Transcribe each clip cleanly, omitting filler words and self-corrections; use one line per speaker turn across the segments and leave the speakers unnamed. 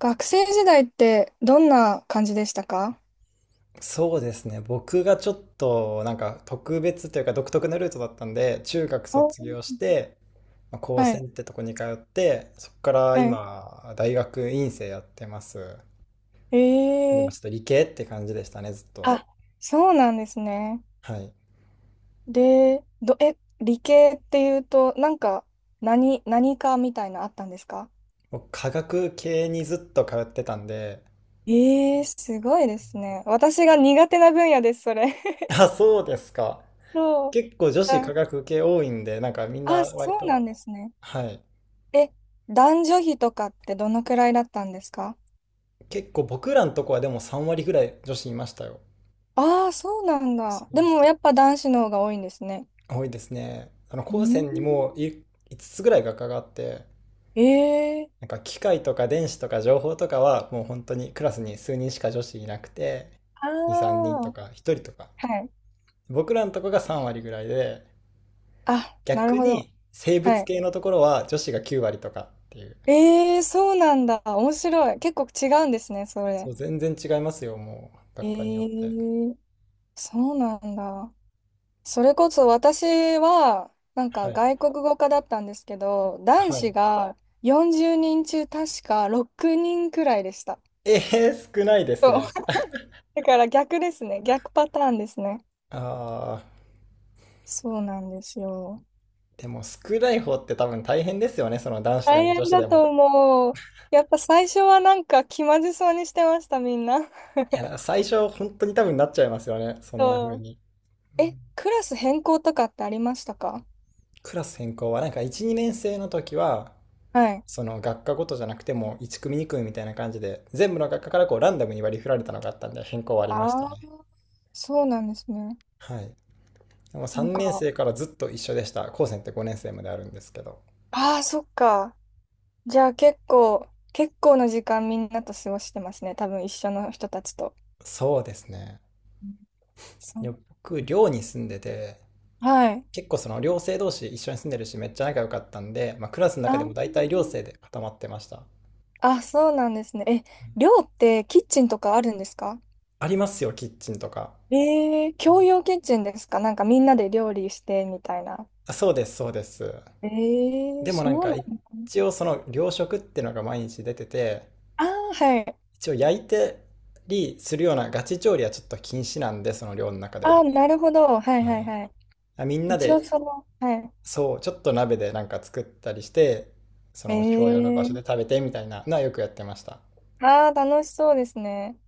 学生時代ってどんな感じでしたか？
そうですね。僕がちょっとなんか特別というか独特なルートだったんで、中学卒
お。
業して、まあ、高
は
専
い、
ってとこに通って、そこから
はい。
今、大学院生やってます。
え
でもちょっと
え。
理系って感じでしたね、ずっと。
あ、そうなんですね。
はい。
で、理系っていうと、なんか、何かみたいなあったんですか？
僕、科学系にずっと通ってたんで、
ええ、すごいですね。私が苦手な分野です、それ。
あ、そうですか。
そう。
結構女子科
あ、
学系多いんで、なんかみんな
あ、そ
割
う
と、
なんですね。
はい。
え、男女比とかってどのくらいだったんですか？
結構僕らのとこはでも3割ぐらい女子いましたよ。
ああー、そうなんだ。でもやっぱ男子の方が多いんですね。
多いですね。あの、
う
高
ん。
専にも5つぐらい学科があって、
ええ。
なんか機械とか電子とか情報とかはもう本当にクラスに数人しか女子いなくて、
あ
2、3人と
あ、
か1人とか。
はい。
僕らのとこが3割ぐらいで、
あ、な
逆
るほど。
に生
は
物
い。
系のところは女子が9割とかっていう。
ええ、そうなんだ。面白い。結構違うんですね、そ
そ
れ。
う、全然違いますよ、もう、
え
学科によって。
え、そうなんだ。それこそ私は、なん
は
か
い。
外国語科だったんですけど、男
は
子
い。
が40人中確か6人くらいでした。
えー、少ないです
そう。
ね。
だから逆ですね。逆パターンですね。
ああ、
そうなんですよ。
でも少ない方って多分大変ですよね、その男子で
大
も女
変
子
だ
でも。
と思う。やっぱ最初はなんか気まずそうにしてました、みんな。
いや、だから最初、本当に多分なっちゃいますよね。そんな風
そう。
に。うん。
クラス変更とかってありましたか？
クラス変更は、なんか1、2年生の時は、
はい。
その学科ごとじゃなくても1組2組みたいな感じで、全部の学科からこうランダムに割り振られたのがあったんで、変更はありました
ああ、
ね。
そうなんですね。
はい。でも
なん
3年
か、
生からずっと一緒でした。高専って5年生まであるんですけど。
ああ、そっか。じゃあ結構な時間みんなと過ごしてますね。多分一緒の人たちと。
そうですね。
うん。そ
い
う。
や僕、寮に住んでて、
はい。
結構その寮生同士一緒に住んでるし、めっちゃ仲良かったんで、まあ、クラスの中でも
あ、
大体寮生で固まってました。
あ、そうなんですね。寮ってキッチンとかあるんですか？
ありますよ、キッチンとか。
共用キッチンですか？なんかみんなで料理してみたいな。
あそうです、そうです。でもなん
そう
か
なのか。な
一応その糧食っていうのが毎日出てて、
ああー、はい。
一応焼いてりするようなガチ調理はちょっと禁止なんで、その寮の中で
あ
は。
あ、なるほど。はい
は
はい
い。
はい。
あみんな
一応
で、
その、はい。
そう、ちょっと鍋でなんか作ったりして、そ
え
の共用の場所で
ー、
食べてみたいなのはよくやってました。
ああ、楽しそうですね。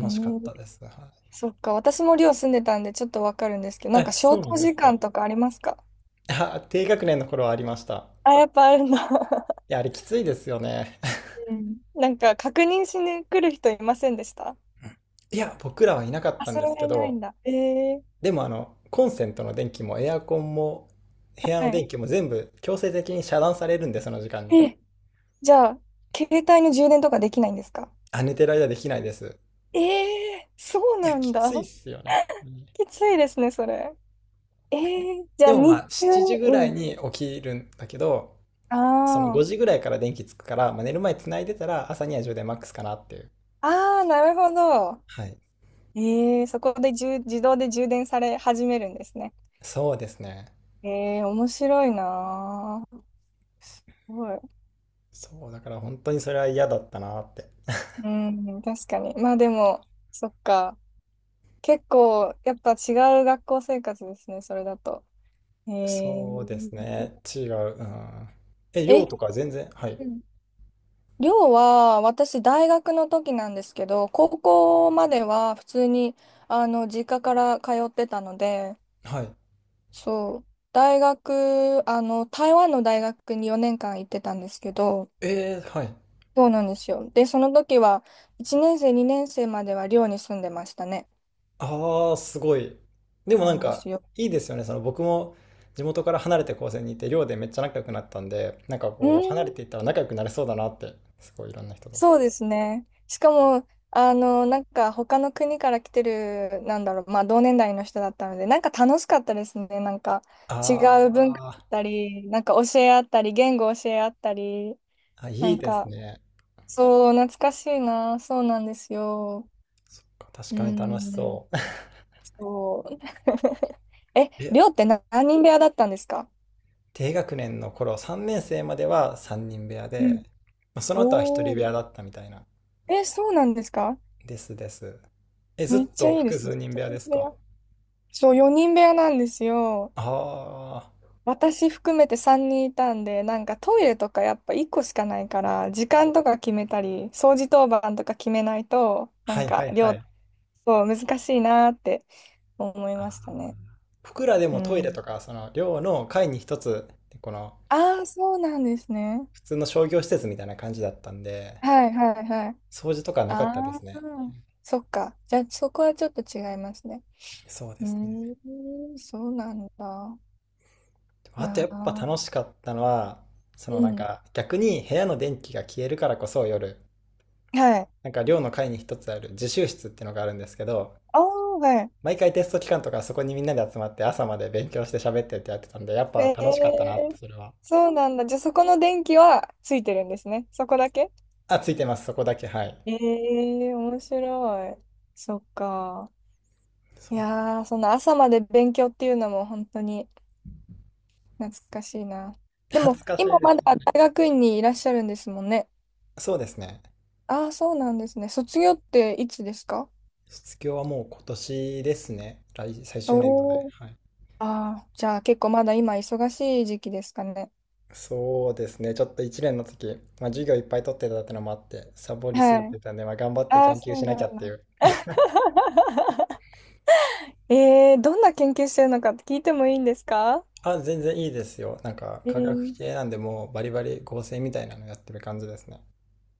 え
しかった
ー、
です。はい。
そっか、私も寮住んでたんでちょっとわかるんですけど、なん
え、
か消
そうな
灯
んで
時
すか。
間とかありますか？
あ、低学年の頃はありました。
あ、やっぱあるんだ。
いや、あれきついですよね。
うん。なんか確認しに来る人いませんでした？
いや、僕らはいなかっ
あ、
たん
そ
で
れ
す
は
け
いないん
ど、
だ。
でもコンセントの電気もエアコンも部屋
は
の
い。
電気も全部強制的に遮断されるんで、その時間に。
え、じゃあ、携帯の充電とかできないんですか？
あ、寝てる間できないです。
え。そう
いや、
なん
き
だ。
ついっ すよね。うん。
きついですね、それ。え。じゃあ
でも
日
まあ、
中。
7時ぐらい
うん。
に起きるんだけど、その5
あ
時ぐらいから電気つくから、まあ、寝る前繋いでたら朝には充電マックスかなっていう。
あ。ああ、なるほど。
はい。
ええ、そこで充自動で充電され始めるんですね。
そうですね。
ええ、面白いなあ。すごい。
そう、だから本当にそれは嫌だったなって。
うん、確かに。まあでも、そっか。結構、やっぱ違う学校生活ですね、それだと。え。
そうですね。違う。うん。え、
え
量
え。
とか全然、はい。
うん。寮は、私、大学の時なんですけど、高校までは普通に、あの、実家から通ってたので、
はい。
そう、大学、あの、台湾の大学に4年間行ってたんですけど、
えー、はい。
そうなんですよ。で、その時は、1年生、2年生までは寮に住んでましたね。
ああ、すごい。でもな
な
ん
んで
か、
すよ。
いいですよね。その僕も地元から離れて高専にいて、寮でめっちゃ仲良くなったんで、なんか
うー
こう、離れ
ん、
ていったら仲良くなれそうだなって、すごいいろんな人と。
そうですね。しかも、あの、なんか、他の国から来てる、なんだろう、まあ、同年代の人だったので、なんか楽しかったですね。なんか、違う文化
あ
だったり、なんか教え合ったり、言語教え合ったり、
ーあ、
な
いい
ん
です
か、
ね。
そう、懐かしいな。そうなんですよ。
そっか、確
うー
かに楽し
ん、
そう。
そう。
え、
寮って何人部屋だったんですか？
低学年の頃、3年生までは3人部屋で、まあそ
お
の後は1人部
お。
屋だったみたいな。
そうなんですか？
ですです。え、ず
めっ
っ
ちゃ
と
いいで
複
すね。
数人
一
部屋で
人
す
部
か？
屋。そう、4人部屋なんですよ。
ああー、
私含めて3人いたんで、なんかトイレとかやっぱ1個しかないから、時間とか決めたり、掃除当番とか決めないと、な
は
ん
いは
か
いは
量、
い。
そう、難しいなーって思いましたね。
僕らで
う
もトイレと
ん。
か、その寮の階に一つ、この
ああ、そうなんですね。
普通の商業施設みたいな感じだったんで、
はいはいはい。
掃除とかはなかっ
あ
たで
あ、
すね。
そっか。じゃあそこはちょっと違いますね。
そうですね。
そうなんだ。
でも
い
あとや
や
っぱ
ー。
楽しかったのは、そ
う
のなん
ん。
か逆に部屋の電気が消えるからこそ夜、
はい。
なんか寮の階に一つある自習室っていうのがあるんですけど、
あー、はい。
毎回テスト期間とかそこにみんなで集まって朝まで勉強して喋ってってやってたんで、やっぱ
え
楽しかったなって、
ー、
それは。
そうなんだ。じゃあそこの電気はついてるんですね。そこだけ？
あ、ついてます、そこだけ、はい。
えー、面白い。そっか。
そ
い
う。
やー、その朝まで勉強っていうのも本当に懐かしいな。でも、
懐かし
今
いです。
まだ大学院にいらっしゃるんですもんね。
そうですね。
ああ、そうなんですね。卒業っていつですか？
卒業はもう今年ですね。最終年度で。
おおー。
はい。
ああ、じゃあ結構まだ今忙しい時期ですかね。
そうですね。ちょっと1年の時、まあ、授業いっぱい取ってたってのもあって、サボりす
は
ぎて
い。
たんで、まあ、頑張って
ああ、
研
そ
究し
う
な
な
きゃ
ん
ってい
だ。
う。
どんな研究してるのかって聞いてもいいんですか？
あ、全然いいですよ。なんか、
え
科学
ー、
系なんで、もうバリバリ合成みたいなのやってる感じですね。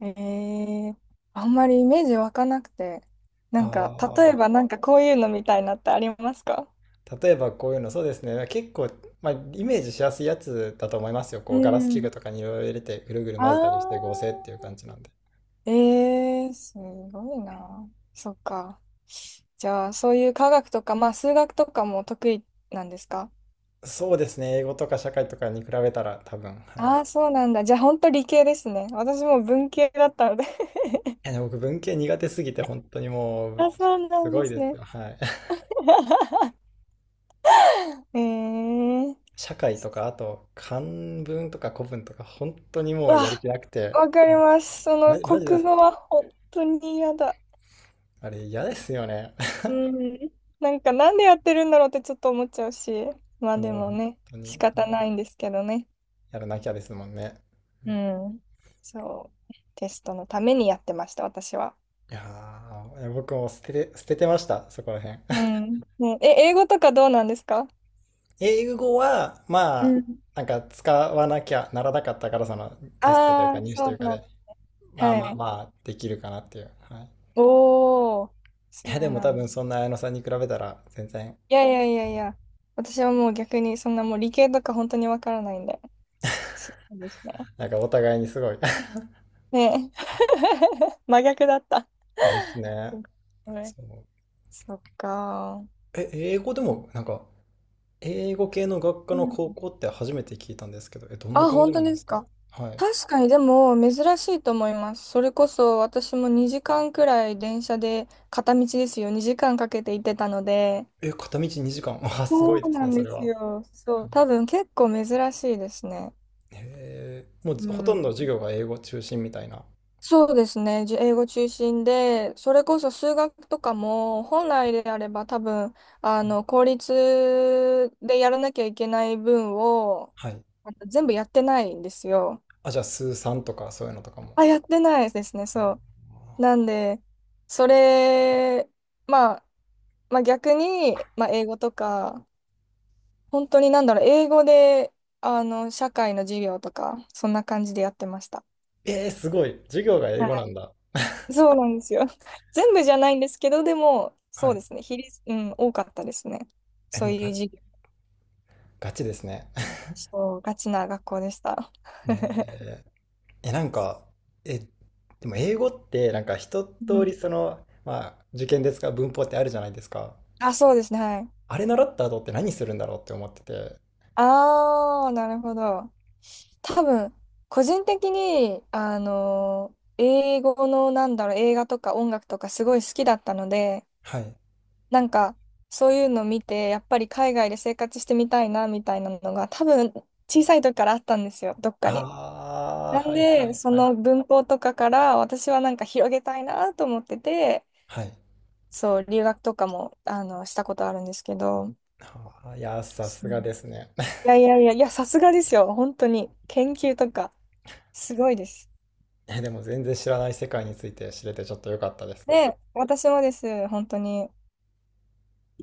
えー、あんまりイメージ湧かなくて。なんか、例え
あ
ばなんかこういうのみたいなってありますか？
あ、例えばこういうの、そうですね。結構、まあ、イメージしやすいやつだと思いますよ。
う
こう、ガラス器具
ん。
とかにいろいろ入れて、ぐるぐる
あ
混ぜたりして合成っていう感じなんで。
ー、すごいな。そっか。じゃあ、そういう科学とか、まあ、数学とかも得意なんですか？
そうですね。英語とか社会とかに比べたら多分、はい。
ああー、そうなんだ。じゃあ、本当理系ですね。私も文系だったので。
や、でも僕文系苦手すぎて本当にも う
あ、そうな
す
ん
ご
で
い
す
です
ね。
よ。はい。
えー
社会とかあと漢文とか古文とか本当に
う
もうやる
わ、
気なくて、
わかります。そ
マ
の
ジ、マジで
国
す。
語は本当に嫌だ。
あれ嫌ですよね。
うん。なんかなんでやってるんだろうってちょっと思っちゃうし、まあで
もう
も
本
ね、
当
仕
に
方ないんですけどね。
やらなきゃですもんね。
うん。そう。テストのためにやってました、私は。
いやー、僕も捨ててました、そこら辺。
う ん。ね、英語とかどうなんですか？
英語は、
う
まあ、
ん。
なんか使わなきゃならなかったから、そのテストという
あ
か
あー、
入試
そ
という
う
か
な
で、
ん。
まあ
は
まあま
い。
あ、できるかなっていう。はい。い
おー、そ
や、で
う
も
な
多
ん
分
だ。
そんな綾野さんに比べたら、全然
いやいやいやいや。私はもう逆にそんなもう理系とか本当にわからないんで。そうですね。
なんかお互いにすごい
ねえ。真逆だった。
ですね。
ごめん。
そう。
そっか。
え、英語でも、なんか、英語系の学科
う
の
ん。
高校って初めて聞いたんですけど、え、どんな
あ、
感じ
本
な
当
んで
で
す
す
か？
か。
はい。
確かに、でも、珍しいと思います。それこそ、私も2時間くらい電車で、片道ですよ、2時間かけて行ってたので。
え、片道2時間。あ、すご
そ
いで
う
す
な
ね、
ん
そ
で
れ
す
は。
よ。そう、多分結構珍しいですね。
へえ、もう
う
ほと
ん。
んど授業が英語中心みたいな。
そうですね。英語中心で、それこそ数学とかも、本来であれば多分、あの、公立でやらなきゃいけない分を、
はい。
あの全部やってないんですよ。
あ、じゃあ、数三とかそういうのとか
あ、
も。
やってないですね、そう。なんで、それ、まあ、まあ逆に、まあ英語とか、本当になんだろう、英語で、あの、社会の授業とか、そんな感じでやってました。
えー、すごい。授業が英語なんだ。
そうなんですよ。全部じゃないんですけど、でも、
は
そうで
い。
すね。比率、うん、多かったですね。
え、
そう
もう
い
が、
う授業。
ガチですね。
そう、ガチな学校でした。
ねえ、なんか、え、でも英語ってなんか一
う
通り
ん。
その、まあ、受験ですか、文法ってあるじゃないですか。
あ、そうですね。はい。
あれ習った後って何するんだろうって思ってて。
ああ、なるほど。多分、個人的に、あの、英語の、なんだろう、映画とか音楽とかすごい好きだったので、
はい。
なんか、そういうの見て、やっぱり海外で生活してみたいな、みたいなのが、多分、小さい時からあったんですよ、どっか
あ
に。な
あ、
ん
はいは
で、
い
そ
はい。
の文法とかから私はなんか広げたいなと思ってて、
はい。
そう、留学とかも、あの、したことあるんですけど、
あーいやー、さす
そう。
がですね。
いやいやいや、いや、さすがですよ。本当に。研究とか、すごいです。
え、でも全然知らない世界について知れてちょっと良かったです。
で、私もです。本当に。